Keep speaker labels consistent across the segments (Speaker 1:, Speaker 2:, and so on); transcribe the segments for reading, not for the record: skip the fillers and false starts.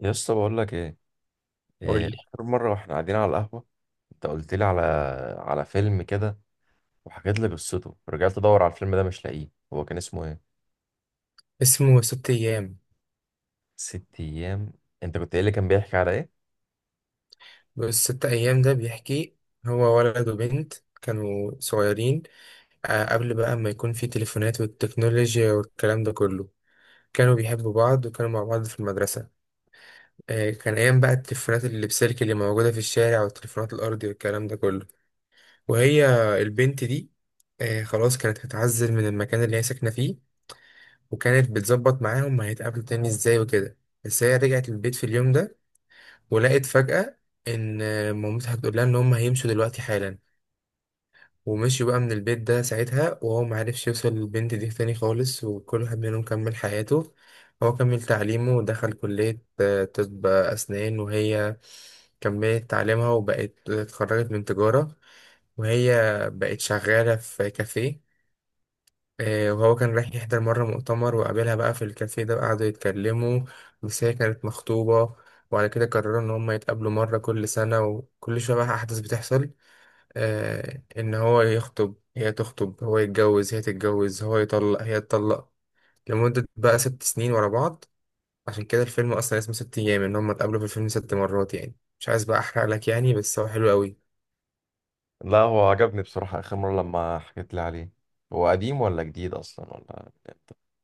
Speaker 1: يا اسطى، بقول لك ايه؟
Speaker 2: قول
Speaker 1: إيه،
Speaker 2: لي.
Speaker 1: اخر مره واحنا قاعدين على القهوه، انت قلت لي على فيلم كده، وحكيت لي قصته. رجعت ادور على الفيلم ده، مش لاقيه. هو كان اسمه ايه؟
Speaker 2: اسمه ست أيام.
Speaker 1: ست ايام؟ انت كنت قايل لي كان بيحكي على ايه؟
Speaker 2: بس ست أيام ده بيحكي، هو ولد وبنت كانوا صغيرين. قبل بقى ما يكون في تليفونات والتكنولوجيا والكلام ده كله، كانوا بيحبوا بعض وكانوا مع بعض في المدرسة. كان أيام بقى التليفونات اللي بسلك اللي موجودة في الشارع والتليفونات الأرضي والكلام ده كله. وهي البنت دي، خلاص كانت هتعزل من المكان اللي هي ساكنة فيه، وكانت بتظبط معاهم هيتقابلوا تاني ازاي وكده. بس هي رجعت البيت في اليوم ده ولقيت فجأة إن مامتها بتقول لها إن هم هيمشوا دلوقتي حالا. ومشي بقى من البيت ده ساعتها، وهو معرفش يوصل للبنت دي تاني خالص، وكل واحد منهم كمل حياته. هو كمل تعليمه ودخل كلية طب أسنان، وهي كملت تعليمها وبقت اتخرجت من تجارة. وهي بقت شغالة في كافيه. وهو كان رايح يحضر مرة مؤتمر وقابلها بقى في الكافيه ده، قعدوا يتكلموا. بس هي كانت مخطوبة. وعلى كده قرروا إن هما يتقابلوا مرة كل سنة، وكل شوية بقى أحداث بتحصل. إن هو يخطب، هي تخطب، هو يتجوز، هي تتجوز، هو يطلق، هي تطلق، لمدة بقى ست سنين ورا بعض. عشان كده الفيلم أصلا اسمه ست أيام، إن هما اتقابلوا في الفيلم ست مرات. يعني مش عايز بقى أحرق لك يعني، بس هو حلو أوي.
Speaker 1: لا، هو عجبني بصراحه اخر مره لما حكيت لي عليه. هو قديم ولا جديد اصلا، ولا؟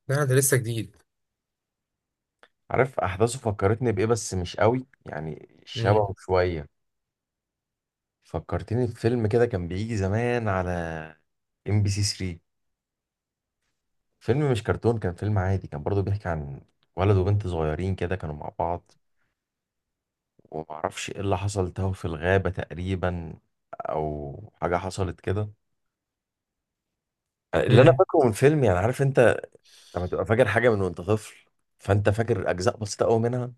Speaker 2: لا ده لسه جديد.
Speaker 1: عارف احداثه فكرتني بايه، بس مش قوي يعني،
Speaker 2: مم.
Speaker 1: شبهه شويه. فكرتني بفيلم كده كان بيجي زمان على ام بي سي ثلاثة، فيلم مش كرتون، كان فيلم عادي، كان برضو بيحكي عن ولد وبنت صغيرين كده كانوا مع بعض. ومعرفش ايه اللي حصل، تاهوا في الغابة تقريبا، او حاجة حصلت كده. اللي انا
Speaker 2: مم.
Speaker 1: فاكره من فيلم يعني، عارف انت، لما تبقى فاكر حاجة من وانت طفل، فانت فاكر اجزاء بسيطة قوي منها.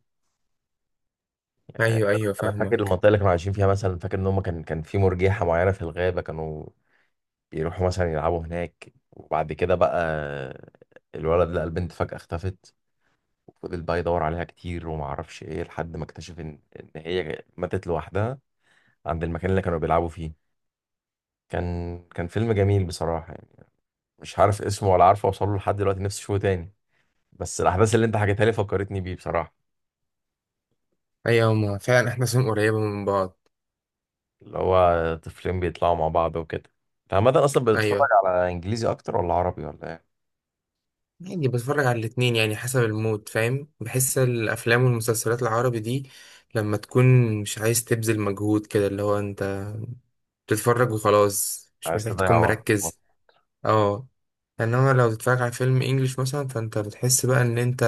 Speaker 1: آه،
Speaker 2: أيوه أيوه
Speaker 1: انا فاكر
Speaker 2: فاهمك.
Speaker 1: المنطقة اللي كانوا عايشين فيها مثلا، فاكر ان هم كان في مرجيحة معينة في الغابة، كانوا بيروحوا مثلا يلعبوا هناك، وبعد كده بقى الولد لقى البنت فجأة اختفت. وفضل بقى يدور عليها كتير وما اعرفش ايه، لحد ما اكتشف ان هي ماتت لوحدها عند المكان اللي كانوا بيلعبوا فيه. كان فيلم جميل بصراحة يعني. مش عارف اسمه ولا عارف اوصله لحد دلوقتي، نفسي اشوفه تاني. بس الاحداث اللي انت حكيتها لي فكرتني بيه بصراحة،
Speaker 2: أيوه هما فعلا إحنا سنين قريبة من بعض.
Speaker 1: اللي هو طفلين بيطلعوا مع بعض وكده. انت عامة اصلا بتتفرج
Speaker 2: ايوه،
Speaker 1: على انجليزي اكتر ولا عربي ولا ايه؟
Speaker 2: يعني بتفرج على الاتنين يعني حسب المود، فاهم، بحس الافلام والمسلسلات العربي دي لما تكون مش عايز تبذل مجهود كده، اللي هو انت بتتفرج وخلاص مش
Speaker 1: عايز
Speaker 2: محتاج
Speaker 1: تضيع
Speaker 2: تكون
Speaker 1: وقت.
Speaker 2: مركز. اه. انما لو تتفرج على فيلم انجليش مثلا، فانت بتحس بقى ان انت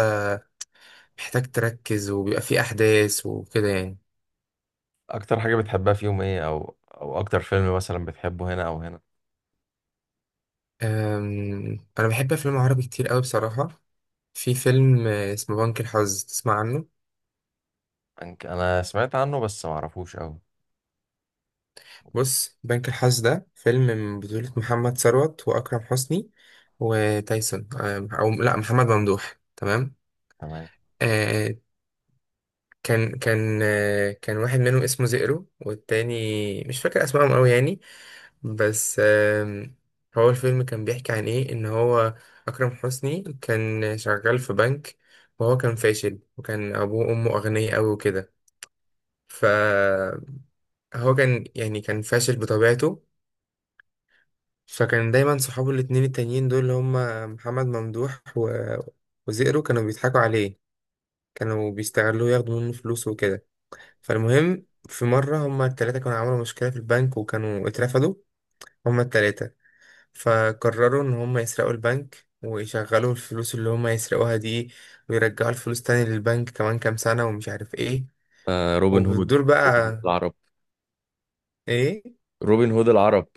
Speaker 2: محتاج تركز وبيبقى فيه احداث وكده يعني.
Speaker 1: اكتر حاجة بتحبها فيهم ايه، او اكتر فيلم مثلا بتحبه هنا او هنا؟
Speaker 2: انا بحب افلام عربي كتير قوي بصراحة. في فيلم اسمه بنك الحظ، تسمع عنه؟
Speaker 1: انا سمعت عنه بس ما اعرفوش قوي.
Speaker 2: بص، بنك الحظ ده فيلم من بطولة محمد ثروت وأكرم حسني وتايسون، أو لأ محمد ممدوح، تمام.
Speaker 1: تمام.
Speaker 2: آه، كان واحد منهم اسمه زئرو، والتاني مش فاكر أسمائهم أوي يعني. بس هو الفيلم كان بيحكي عن إيه، إن هو أكرم حسني كان شغال في بنك، وهو كان فاشل، وكان أبوه وأمه أغنياء أوي وكده. فهو كان يعني كان فاشل بطبيعته. فكان دايما صحابه الاتنين التانيين دول اللي هما محمد ممدوح وزئرو كانوا بيضحكوا عليه، كانوا بيستغلوه ياخدوا منه فلوس وكده. فالمهم، في مرة هما التلاتة كانوا عملوا مشكلة في البنك وكانوا اترفدوا، هما التلاتة. فقرروا إن هما يسرقوا البنك ويشغلوا الفلوس اللي هما يسرقوها دي، ويرجعوا الفلوس تاني للبنك كمان كام سنة ومش عارف ايه.
Speaker 1: آه، روبن هود
Speaker 2: وبتدور بقى.
Speaker 1: العرب.
Speaker 2: ايه.
Speaker 1: روبن هود العرب.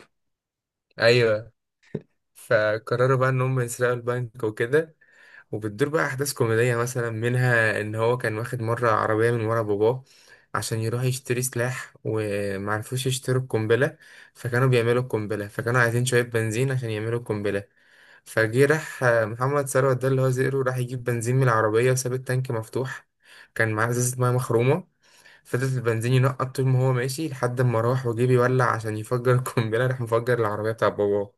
Speaker 2: ايوه. فقرروا بقى ان هم يسرقوا البنك وكده. وبتدور بقى احداث كوميديه، مثلا منها ان هو كان واخد مره عربيه من ورا باباه عشان يروح يشتري سلاح. ومعرفوش يشتروا القنبله، فكانوا بيعملوا القنبله، فكانوا عايزين شويه بنزين عشان يعملوا القنبله. فجه راح محمد ثروت ده اللي هو زئرو، راح يجيب بنزين من العربيه وساب التانك مفتوح. كان معاه ازازه ميه مخرومه، فضلت البنزين ينقط طول ما هو ماشي لحد ما راح وجه بيولع عشان يفجر القنبله، راح مفجر العربيه بتاع باباه.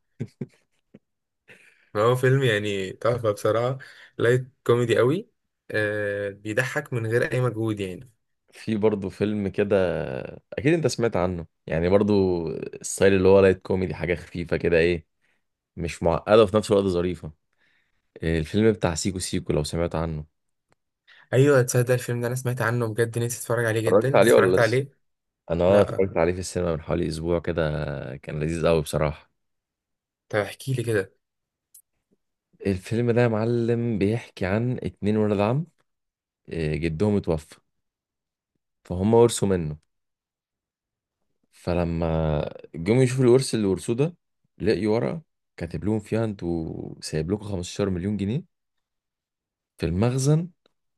Speaker 2: هو فيلم يعني تحفة بصراحة. لايت كوميدي قوي. آه، بيضحك من غير أي مجهود يعني.
Speaker 1: في برضه فيلم كده، اكيد انت سمعت عنه يعني برضه، الستايل اللي هو لايت كوميدي، حاجه خفيفه كده، ايه؟ مش معقده وفي نفس الوقت ظريفه. الفيلم بتاع سيكو سيكو، لو سمعت عنه.
Speaker 2: أيوة، تصدق الفيلم ده أنا سمعت عنه بجد، نفسي أتفرج عليه جدا.
Speaker 1: اتفرجت عليه ولا
Speaker 2: اتفرجت
Speaker 1: لسه؟
Speaker 2: عليه؟
Speaker 1: انا
Speaker 2: لأ.
Speaker 1: اتفرجت عليه في السينما من حوالي اسبوع كده. كان لذيذ قوي بصراحه.
Speaker 2: طب احكي لي كده.
Speaker 1: الفيلم ده يا معلم، بيحكي عن اتنين ولاد عم. جدهم اتوفى، فهم ورثوا منه. فلما جم يشوفوا الورث اللي ورثوه ده، لقيوا ورقة كاتب لهم فيها انتوا سايب لكم 15 مليون جنيه في المخزن،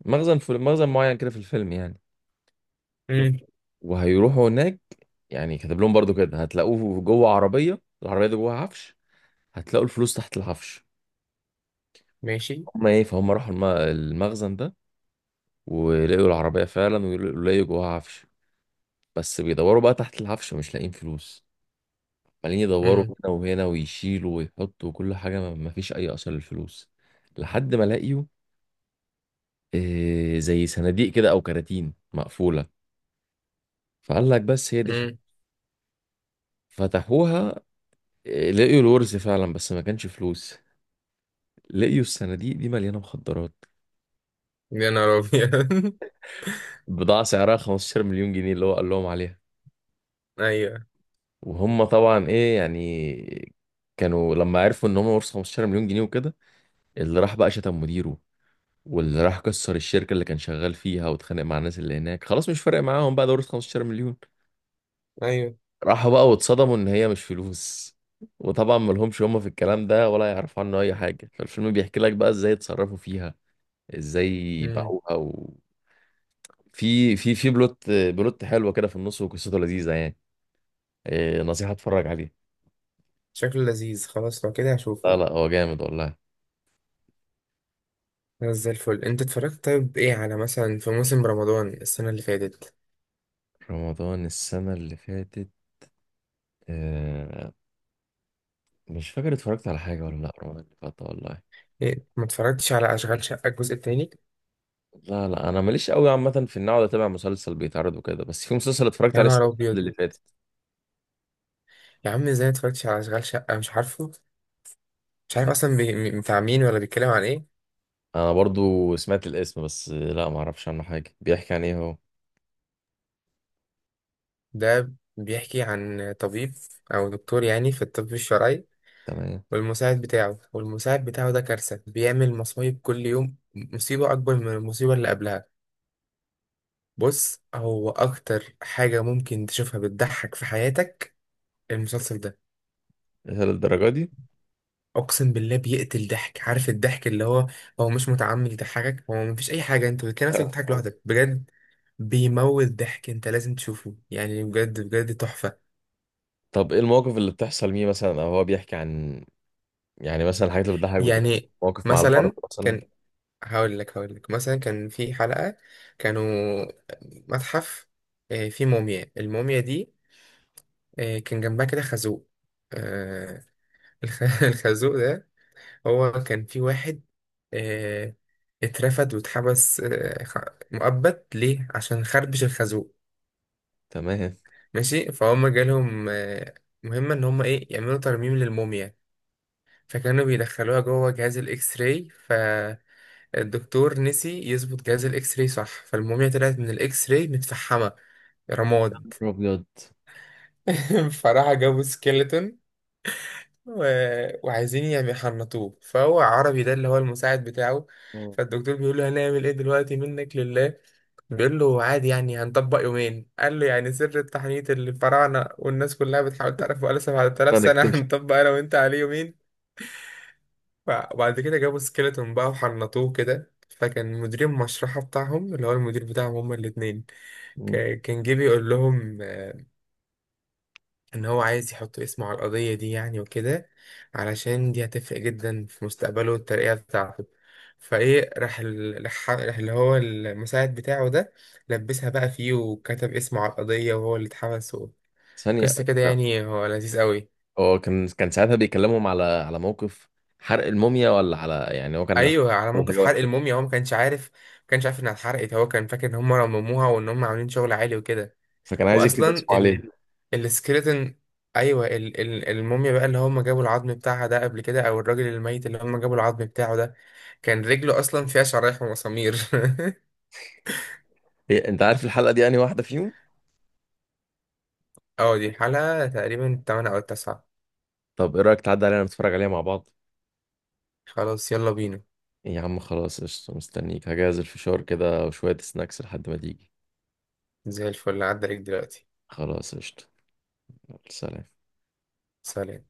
Speaker 1: مخزن في مخزن معين كده في الفيلم يعني.
Speaker 2: مم.
Speaker 1: وهيروحوا هناك، يعني كاتب لهم برضو كده هتلاقوه جوه عربية، العربية دي جوه عفش، هتلاقوا الفلوس تحت العفش.
Speaker 2: ماشي.
Speaker 1: هما ايه، فهم راحوا المخزن ده، ولقوا العربية فعلا ولقوا جواها عفش. بس بيدوروا بقى تحت العفش مش لاقيين فلوس. عمالين يدوروا
Speaker 2: مم.
Speaker 1: هنا وهنا ويشيلوا ويحطوا وكل حاجة، ما فيش أي أثر للفلوس. لحد ما لاقيوا زي صناديق كده أو كراتين مقفولة. فقال لك بس هي دي الفلوس.
Speaker 2: مم.
Speaker 1: فتحوها، لقيوا الورث فعلا بس ما كانش فلوس. لقيوا الصناديق دي مليانة مخدرات.
Speaker 2: يا نهار أبيض.
Speaker 1: بضاعة سعرها 15 مليون جنيه اللي هو قال لهم عليها.
Speaker 2: أيوة.
Speaker 1: وهم طبعا إيه يعني، كانوا لما عرفوا إن هم ورثوا 15 مليون جنيه وكده، اللي راح بقى شتم مديره، واللي راح كسر الشركة اللي كان شغال فيها واتخانق مع الناس اللي هناك، خلاص مش فارق معاهم بقى، دورة 15 مليون.
Speaker 2: أيوه.
Speaker 1: راحوا بقى واتصدموا ان هي مش فلوس. وطبعا ملهمش هم في الكلام ده ولا يعرفوا عنه اي حاجة، فالفيلم بيحكي لك بقى ازاي اتصرفوا فيها، ازاي
Speaker 2: مم.
Speaker 1: باعوها في بلوت حلوة كده في النص، وقصته لذيذة يعني. إيه، نصيحة اتفرج عليه.
Speaker 2: شكله لذيذ، خلاص لو كده
Speaker 1: لا
Speaker 2: هشوفه.
Speaker 1: لا، هو جامد والله.
Speaker 2: خلاص زي الفل. أنت اتفرجت؟ طيب إيه على مثلا في موسم رمضان السنة اللي فاتت؟
Speaker 1: رمضان السنة اللي فاتت؟ آه، مش فاكر اتفرجت على حاجة ولا لا، رمضان اللي فات والله.
Speaker 2: إيه ما اتفرجتش على أشغال شقة الجزء التاني؟
Speaker 1: لا لا، انا ماليش قوي عامه في ان اقعد اتابع مسلسل بيتعرض وكده، بس في مسلسل اتفرجت
Speaker 2: يا
Speaker 1: عليه
Speaker 2: نهار
Speaker 1: السنه اللي قبل
Speaker 2: أبيض.
Speaker 1: اللي فاتت.
Speaker 2: يا عم ازاي متفرجتش على اشغال شقه؟ مش عارفه، مش عارف
Speaker 1: لا،
Speaker 2: اصلا بتاع مين ولا بيتكلم عن ايه.
Speaker 1: انا برضو سمعت الاسم بس لا، ما اعرفش عنه حاجه. بيحكي عن ايه هو؟
Speaker 2: ده بيحكي عن طبيب، او دكتور يعني في الطب الشرعي،
Speaker 1: تمام.
Speaker 2: والمساعد بتاعه. والمساعد بتاعه ده كارثه، بيعمل مصايب، كل يوم مصيبه اكبر من المصيبه اللي قبلها. بص، هو اكتر حاجه ممكن تشوفها بتضحك في حياتك، المسلسل ده.
Speaker 1: إيه، للدرجه دي؟
Speaker 2: اقسم بالله بيقتل ضحك. عارف الضحك اللي هو، هو مش متعمد يضحكك، هو مفيش اي حاجه، انت بتلاقي نفسك بتضحك
Speaker 1: آه.
Speaker 2: لوحدك بجد. بيموت ضحك. انت لازم تشوفه يعني، بجد بجد تحفه.
Speaker 1: طب ايه المواقف اللي بتحصل ليه مثلا، او هو بيحكي عن، يعني مثلا الحاجات اللي بتضحك بتبقى
Speaker 2: يعني
Speaker 1: مواقف مع الارض
Speaker 2: مثلا
Speaker 1: مثلا؟
Speaker 2: كان، هقول لك مثلا، كان في حلقه كانوا متحف، فيه موميا. الموميا دي كان جنبها كده خازوق. آه، الخازوق ده، هو كان في واحد آه، اترفد واتحبس مؤبد ليه عشان خربش الخازوق.
Speaker 1: تمام.
Speaker 2: ماشي. فهم جالهم مهمة ان هم ايه يعملوا ترميم للموميا. فكانوا بيدخلوها جوه جهاز الاكس راي، فالدكتور نسي يظبط جهاز الاكس راي صح، فالموميا طلعت من الاكس راي متفحمة، رماد.
Speaker 1: ابيض.
Speaker 2: فراح جابوا سكيلتون، وعايزين يعني يحنطوه، فهو عربي ده اللي هو المساعد بتاعه.
Speaker 1: اه،
Speaker 2: فالدكتور بيقول له، هنعمل ايه دلوقتي، منك لله؟ بيقول له، عادي يعني هنطبق يومين. قال له، يعني سر التحنيط اللي الفراعنة والناس كلها بتحاول تعرفه بقاله 7000
Speaker 1: انا
Speaker 2: سنة
Speaker 1: اكتشف.
Speaker 2: هنطبق انا وانت عليه يومين؟ وبعد كده جابوا سكيلتون بقى وحنطوه كده. فكان مدير المشرحة بتاعهم اللي هو المدير بتاعهم هما الاتنين،
Speaker 1: مم.
Speaker 2: كان جه بيقول لهم ان هو عايز يحط اسمه على القضية دي يعني وكده، علشان دي هتفرق جدا في مستقبله والترقية بتاعته. فايه، راح راح اللي هو المساعد بتاعه ده، لبسها بقى فيه وكتب اسمه على القضية وهو اللي اتحبس و...
Speaker 1: ثانيه.
Speaker 2: قصة كده
Speaker 1: لا،
Speaker 2: يعني، هو لذيذ قوي.
Speaker 1: هو كان ساعتها بيكلمهم على موقف حرق الموميا، ولا على، يعني هو كان حرق
Speaker 2: ايوه، على موقف حرق
Speaker 1: حاجه،
Speaker 2: الموميا، هو ما كانش عارف، انها اتحرقت، هو كان فاكر ان هم رمموها وان هم عاملين شغل عالي وكده.
Speaker 1: فكان عايز يكتب
Speaker 2: واصلا
Speaker 1: اسمه عليه.
Speaker 2: السكريتن، ايوه الموميا بقى اللي هم جابوا العظم بتاعها ده قبل كده، او الراجل الميت اللي هم جابوا العظم بتاعه ده، كان رجله اصلا فيها شرايح ومسامير.
Speaker 1: إيه، انت عارف الحلقه دي انهي واحده فيهم؟
Speaker 2: اه دي الحلقه تقريبا 8 او 9.
Speaker 1: طب ايه رايك تعدي علينا نتفرج عليها مع بعض؟
Speaker 2: خلاص يلا بينا.
Speaker 1: إيه يا عم، خلاص قشطه، مستنيك هجهز الفشار كده وشويه سناكس لحد ما تيجي.
Speaker 2: زي الفل، عدى عليك دلوقتي.
Speaker 1: خلاص قشطه. يلا، سلام.
Speaker 2: سلام.